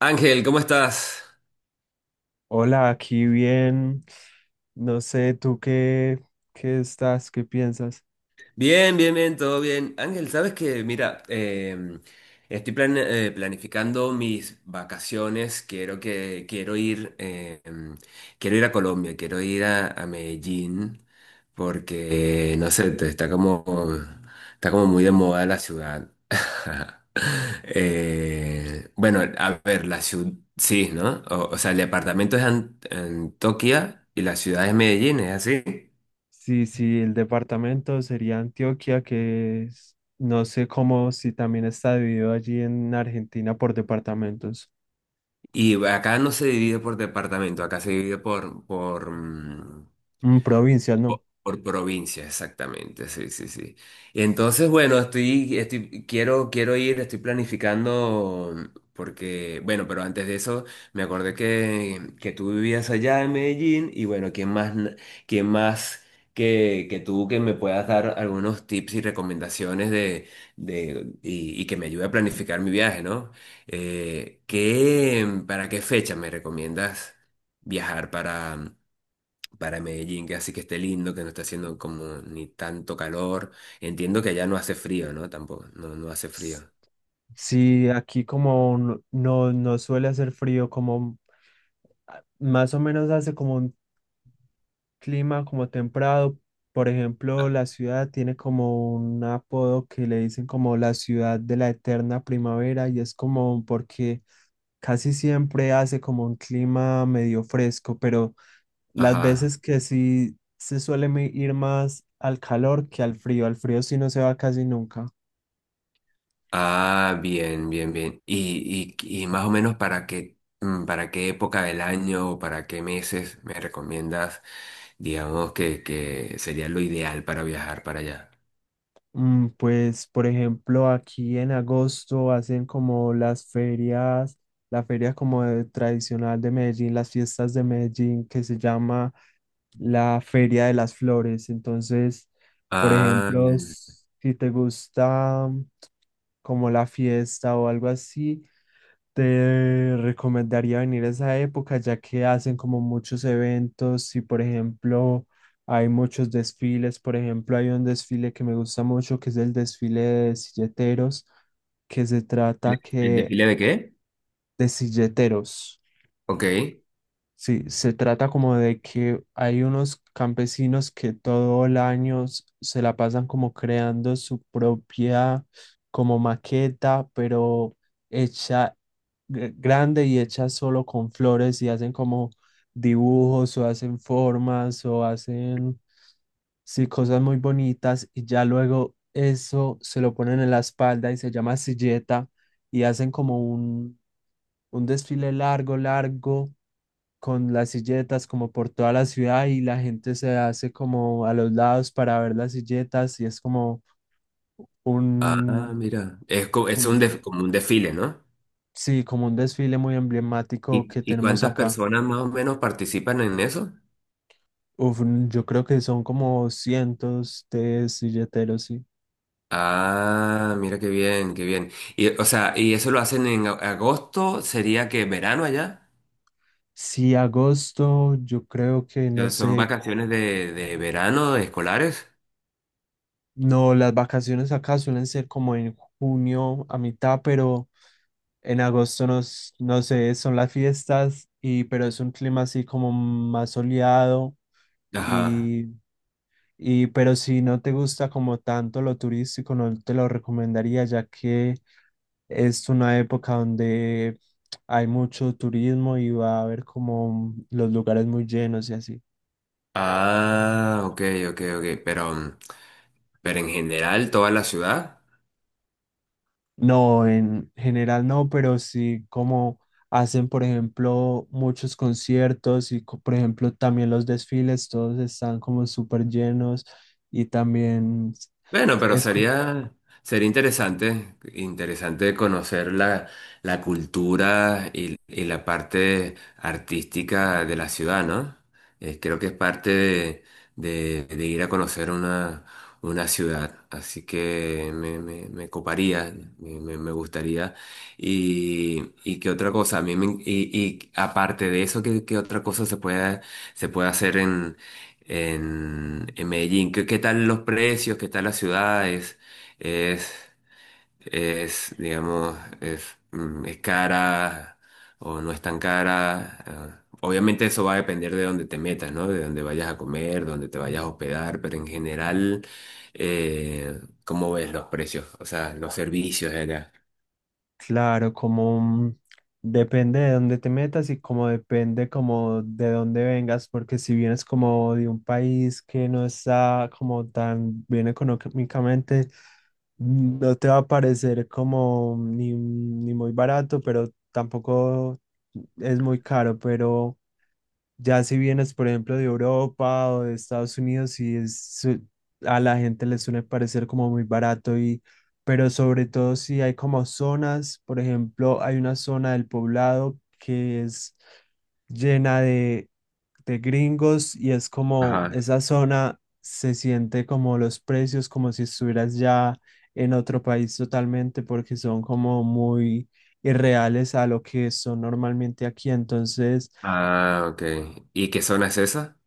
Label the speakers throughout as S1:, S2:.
S1: Ángel, ¿cómo estás?
S2: Hola, aquí bien. No sé, ¿tú qué estás? ¿Qué piensas?
S1: Bien, bien, bien, todo bien. Ángel, sabes que, mira, estoy planificando mis vacaciones. Quiero ir, quiero ir a Colombia, quiero ir a Medellín, porque no sé, está como muy de moda la ciudad. Bueno, a ver, la ciudad, sí, ¿no? O sea, el departamento es Antioquia y la ciudad es Medellín, ¿es así?
S2: Sí, sí, el departamento sería Antioquia, no sé cómo, si también está dividido allí en Argentina por departamentos.
S1: Y acá no se divide por departamento, acá se divide
S2: Mm, provincia, no.
S1: por provincia, exactamente, sí, sí, sí. Entonces, bueno, quiero, estoy planificando, porque, bueno, pero antes de eso, me acordé que tú vivías allá en Medellín, y bueno, ¿quién más, quién más que tú que me puedas dar algunos tips y recomendaciones y que me ayude a planificar mi viaje, ¿no? ¿Qué, para qué fecha me recomiendas viajar para Medellín, que así que esté lindo, que no esté haciendo como ni tanto calor? Entiendo que allá no hace frío, ¿no? Tampoco, no hace
S2: Ps,
S1: frío.
S2: Sí, aquí como no, no suele hacer frío, como más o menos hace como un clima como templado. Por ejemplo, la ciudad tiene como un apodo que le dicen como la ciudad de la eterna primavera, y es como porque casi siempre hace como un clima medio fresco, pero las
S1: Ajá.
S2: veces que sí se suele ir más al calor que al frío. Al frío sí no se va casi nunca.
S1: Ah, bien, bien, bien. Y más o menos para qué, para qué época del año o para qué meses me recomiendas, digamos, que sería lo ideal para viajar para allá.
S2: Mm, pues, por ejemplo, aquí en agosto hacen como las ferias, la feria tradicional de Medellín, las fiestas de Medellín, que se llama la Feria de las Flores. Entonces, por
S1: Ah,
S2: ejemplo,
S1: bien.
S2: si te gusta como la fiesta o algo así, te recomendaría venir a esa época ya que hacen como muchos eventos, y por ejemplo hay muchos desfiles. Por ejemplo, hay un desfile que me gusta mucho, que es el desfile de silleteros, que se
S1: ¿El
S2: trata
S1: el
S2: que
S1: desfile de qué?
S2: de silleteros.
S1: Ok.
S2: Sí, se trata como de que hay unos campesinos que todo el año se la pasan como creando su propia como maqueta, pero hecha grande y hecha solo con flores, y hacen como dibujos o hacen formas o hacen, sí, cosas muy bonitas, y ya luego eso se lo ponen en la espalda y se llama silleta. Y hacen como un desfile largo, largo con las silletas como por toda la ciudad, y la gente se hace como a los lados para ver las silletas, y es como
S1: Ah,
S2: un,
S1: mira. Es, es
S2: un-
S1: un como un desfile, ¿no?
S2: sí, como un desfile muy emblemático que
S1: Y
S2: tenemos
S1: cuántas
S2: acá.
S1: personas más o menos participan en eso?
S2: Uf, mm, yo creo que son como cientos de silleteros, sí.
S1: Ah, mira qué bien, qué bien. Y, o sea, ¿y eso lo hacen en agosto? ¿Sería que verano allá?
S2: Sí, agosto, yo creo que
S1: O
S2: no
S1: sea, ¿son
S2: sé,
S1: vacaciones de verano, de escolares?
S2: no, las vacaciones acá suelen ser como en junio a mitad. Pero en agosto no sé, son las fiestas, y pero es un clima así como más soleado.
S1: Ajá.
S2: y, pero si no te gusta como tanto lo turístico, no te lo recomendaría, ya que es una época donde hay mucho turismo y va a haber como los lugares muy llenos y así.
S1: Ah, ok, ok, ok. Pero, pero en general, toda la ciudad.
S2: No, en general no, pero sí como hacen, por ejemplo, muchos conciertos, por ejemplo, también los desfiles, todos están como súper llenos, y también
S1: Bueno, pero
S2: es...
S1: sería, sería interesante, interesante conocer la, la cultura y la parte artística de la ciudad, ¿no? Creo que es parte de, de ir a conocer una ciudad, así que me coparía, me, me gustaría. Y qué otra cosa, a y aparte de eso, ¿qué, qué otra cosa se puede hacer en Medellín? ¿Qué, qué tal los precios? ¿Qué tal las ciudades? ¿Es, es, digamos, es, es cara o no es tan cara? Ah, obviamente eso va a depender de dónde te metas, ¿no? De dónde vayas a comer, dónde te vayas a hospedar, pero en general, ¿cómo ves los precios? O sea, los servicios de allá.
S2: Claro, como mm, depende de dónde te metas, y como depende como de dónde vengas, porque si vienes como de un país que no está como tan bien económicamente, mm, no te va a parecer como ni muy barato, pero tampoco es muy caro. Pero ya si vienes, por ejemplo, de Europa o de Estados Unidos, y es, a la gente le suele parecer como muy barato, y pero sobre todo si hay como zonas. Por ejemplo, hay una zona del poblado que es llena de gringos, y es como
S1: Ajá.
S2: esa zona, se siente como los precios, como si estuvieras ya en otro país totalmente, porque son como muy irreales a lo que son normalmente aquí. Entonces,
S1: Ah, ok. ¿Y qué zona es esa?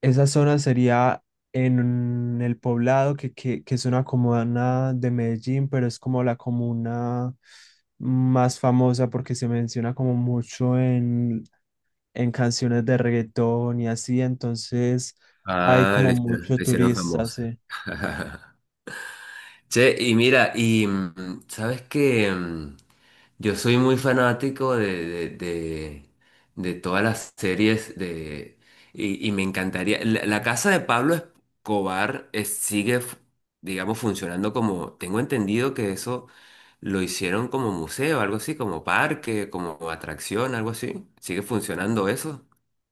S2: esa zona sería en el poblado, que es una comuna de Medellín, pero es como la comuna más famosa porque se menciona como mucho en canciones de reggaetón y así. Entonces hay
S1: Ah, le,
S2: como mucho
S1: le hicieron
S2: turista,
S1: famosa.
S2: sí.
S1: Che, y mira, sabes que yo soy muy fanático de todas las series de y me encantaría. La casa de Pablo Escobar sigue, digamos, funcionando como, tengo entendido que eso lo hicieron como museo, algo así, como parque, como atracción, algo así. ¿Sigue funcionando eso?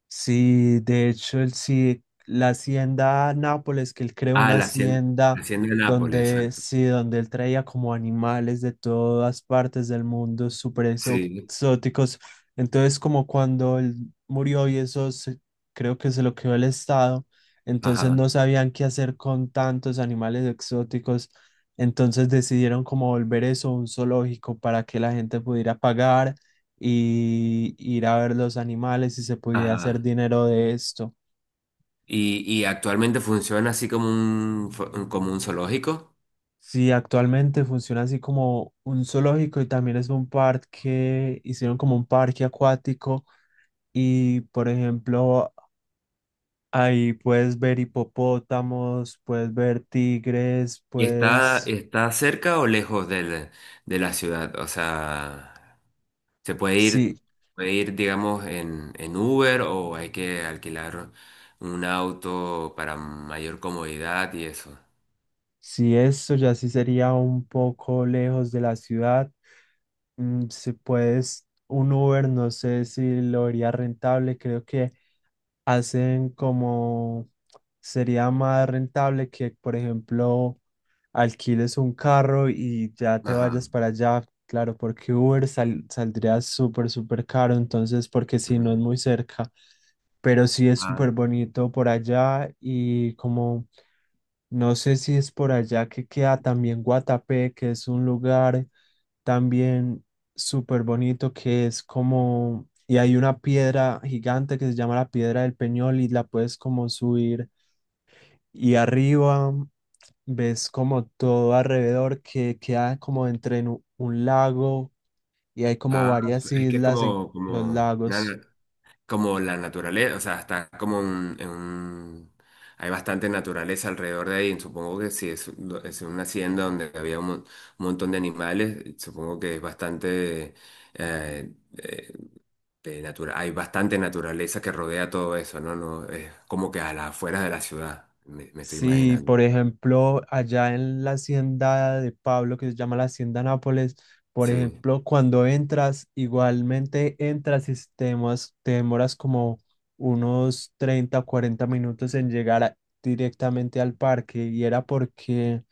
S2: Sí, de hecho, el, sí, la hacienda Nápoles, que él creó
S1: Ah,
S2: una
S1: la
S2: hacienda
S1: hacienda de Nápoles,
S2: donde,
S1: exacto.
S2: sí, donde él traía como animales de todas partes del mundo, súper
S1: Sí,
S2: exóticos. Entonces, como cuando él murió y eso creo que se lo quedó el Estado, entonces no
S1: ajá,
S2: sabían qué hacer con tantos animales exóticos. Entonces decidieron como volver eso un zoológico para que la gente pudiera pagar y ir a ver los animales y se pudiera hacer
S1: ajá.
S2: dinero de esto.
S1: Y actualmente funciona así como un, como un zoológico.
S2: Sí, actualmente funciona así como un zoológico, y también es un parque. Hicieron como un parque acuático, y por ejemplo ahí puedes ver hipopótamos, puedes ver tigres,
S1: ¿Y está,
S2: puedes...
S1: está cerca o lejos de la ciudad? O sea, ¿se
S2: Sí,
S1: puede ir, digamos, en Uber o hay que alquilar un auto para mayor comodidad y eso?
S2: sí, esto ya sí sería un poco lejos de la ciudad. Mm, si puedes, un Uber, no sé si lo haría rentable. Creo que hacen como, sería más rentable que, por ejemplo, alquiles un carro y ya te
S1: Ajá.
S2: vayas para allá. Claro, porque Uber saldría súper, súper caro. Entonces, porque si no es
S1: Ujú.
S2: muy cerca, pero sí es súper
S1: Ah,
S2: bonito por allá. Y como no sé si es por allá que queda también Guatapé, que es un lugar también súper bonito, que es como, y hay una piedra gigante que se llama la Piedra del Peñol, y la puedes como subir, y arriba ves como todo alrededor, que queda como entre en un lago, y hay como
S1: ah,
S2: varias
S1: es que es
S2: islas en
S1: como,
S2: los
S1: como,
S2: lagos.
S1: como la naturaleza, o sea, está como en un... Hay bastante naturaleza alrededor de ahí, supongo que si es, es una hacienda donde había un, un montón de animales, supongo que es bastante... eh, eh, de hay bastante naturaleza que rodea todo eso, ¿no? No, es como que a las afueras de la ciudad, me estoy
S2: Sí,
S1: imaginando.
S2: por ejemplo, allá en la hacienda de Pablo, que se llama la Hacienda Nápoles, por
S1: Sí.
S2: ejemplo, cuando entras, igualmente entras y te demoras como unos 30 o 40 minutos en llegar directamente al parque, y era porque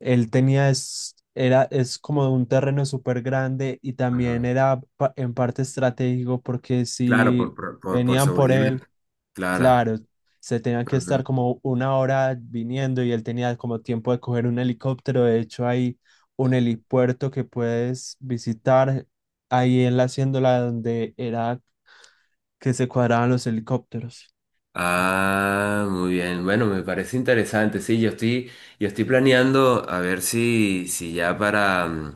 S2: él tenía, es, era, es como un terreno súper grande. Y también
S1: Ajá.
S2: era en parte estratégico, porque
S1: Claro,
S2: si
S1: por, por
S2: venían por
S1: seguridad.
S2: él...
S1: Claro.
S2: Claro, se tenían que estar como una hora viniendo, y él tenía como tiempo de coger un helicóptero. De hecho, hay un helipuerto que puedes visitar ahí en la haciéndola donde era que se cuadraban los helicópteros.
S1: Ah, muy bien. Bueno, me parece interesante. Sí, yo estoy planeando a ver si, si ya para,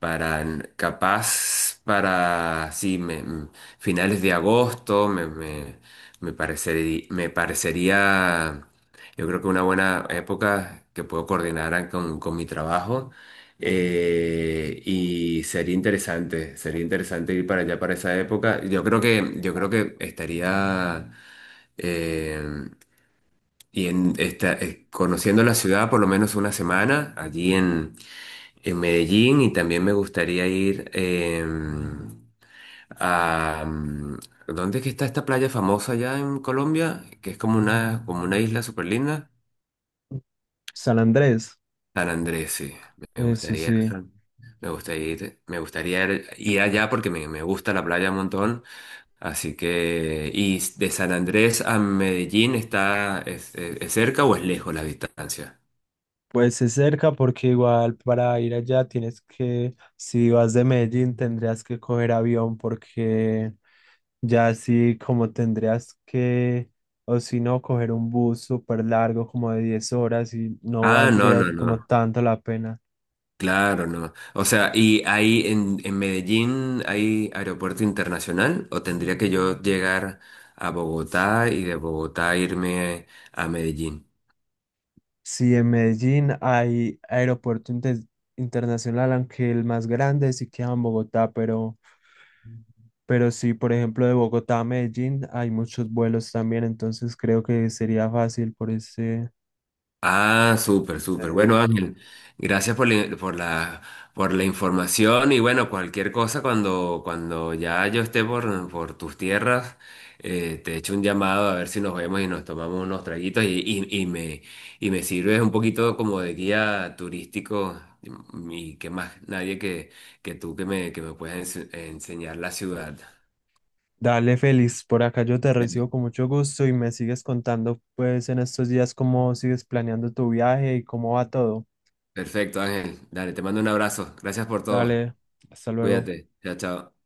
S1: para capaz para sí, finales de agosto me, me, me parecería, yo creo que una buena época que puedo coordinar con mi trabajo. Y sería interesante ir para allá para esa época. Yo creo que estaría. Eh, y en esta, conociendo la ciudad por lo menos una semana allí en Medellín y también me gustaría ir a... ¿dónde es que está esta playa famosa allá en Colombia? Que es como una isla súper linda.
S2: San Andrés,
S1: San Andrés, sí. Me
S2: eso
S1: gustaría ir a
S2: sí.
S1: Me gustaría ir, me gustaría ir allá porque me gusta la playa un montón. Así que, ¿y de San Andrés a Medellín está, es es cerca o es lejos la distancia?
S2: Pues es cerca, porque igual para ir allá tienes que, si vas de Medellín, tendrías que coger avión, porque ya sí, como tendrías que, o si no, coger un bus súper largo, como de 10 horas, y no
S1: Ah, no,
S2: valdría
S1: no,
S2: como
S1: no.
S2: tanto la pena.
S1: Claro, no. O sea, ¿y ahí en Medellín hay aeropuerto internacional o tendría que yo llegar a Bogotá y de Bogotá irme a Medellín?
S2: Si en Medellín hay aeropuerto internacional, aunque el más grande sí queda en Bogotá. Sí, por ejemplo, de Bogotá a Medellín hay muchos vuelos también, entonces creo que sería fácil por ese
S1: Ah, súper, súper. Bueno,
S2: medio.
S1: Ángel, gracias por la, por la, por la información y bueno, cualquier cosa cuando, cuando ya yo esté por tus tierras, te echo un llamado a ver si nos vemos y nos tomamos unos traguitos y me sirves un poquito como de guía turístico y que más nadie que, que tú que me puedas enseñar la ciudad.
S2: Dale, Félix, por acá yo te recibo
S1: Bien.
S2: con mucho gusto, y me sigues contando pues en estos días cómo sigues planeando tu viaje y cómo va todo.
S1: Perfecto, Ángel. Dale, te mando un abrazo. Gracias por todo.
S2: Dale, hasta luego.
S1: Cuídate. Chao, chao.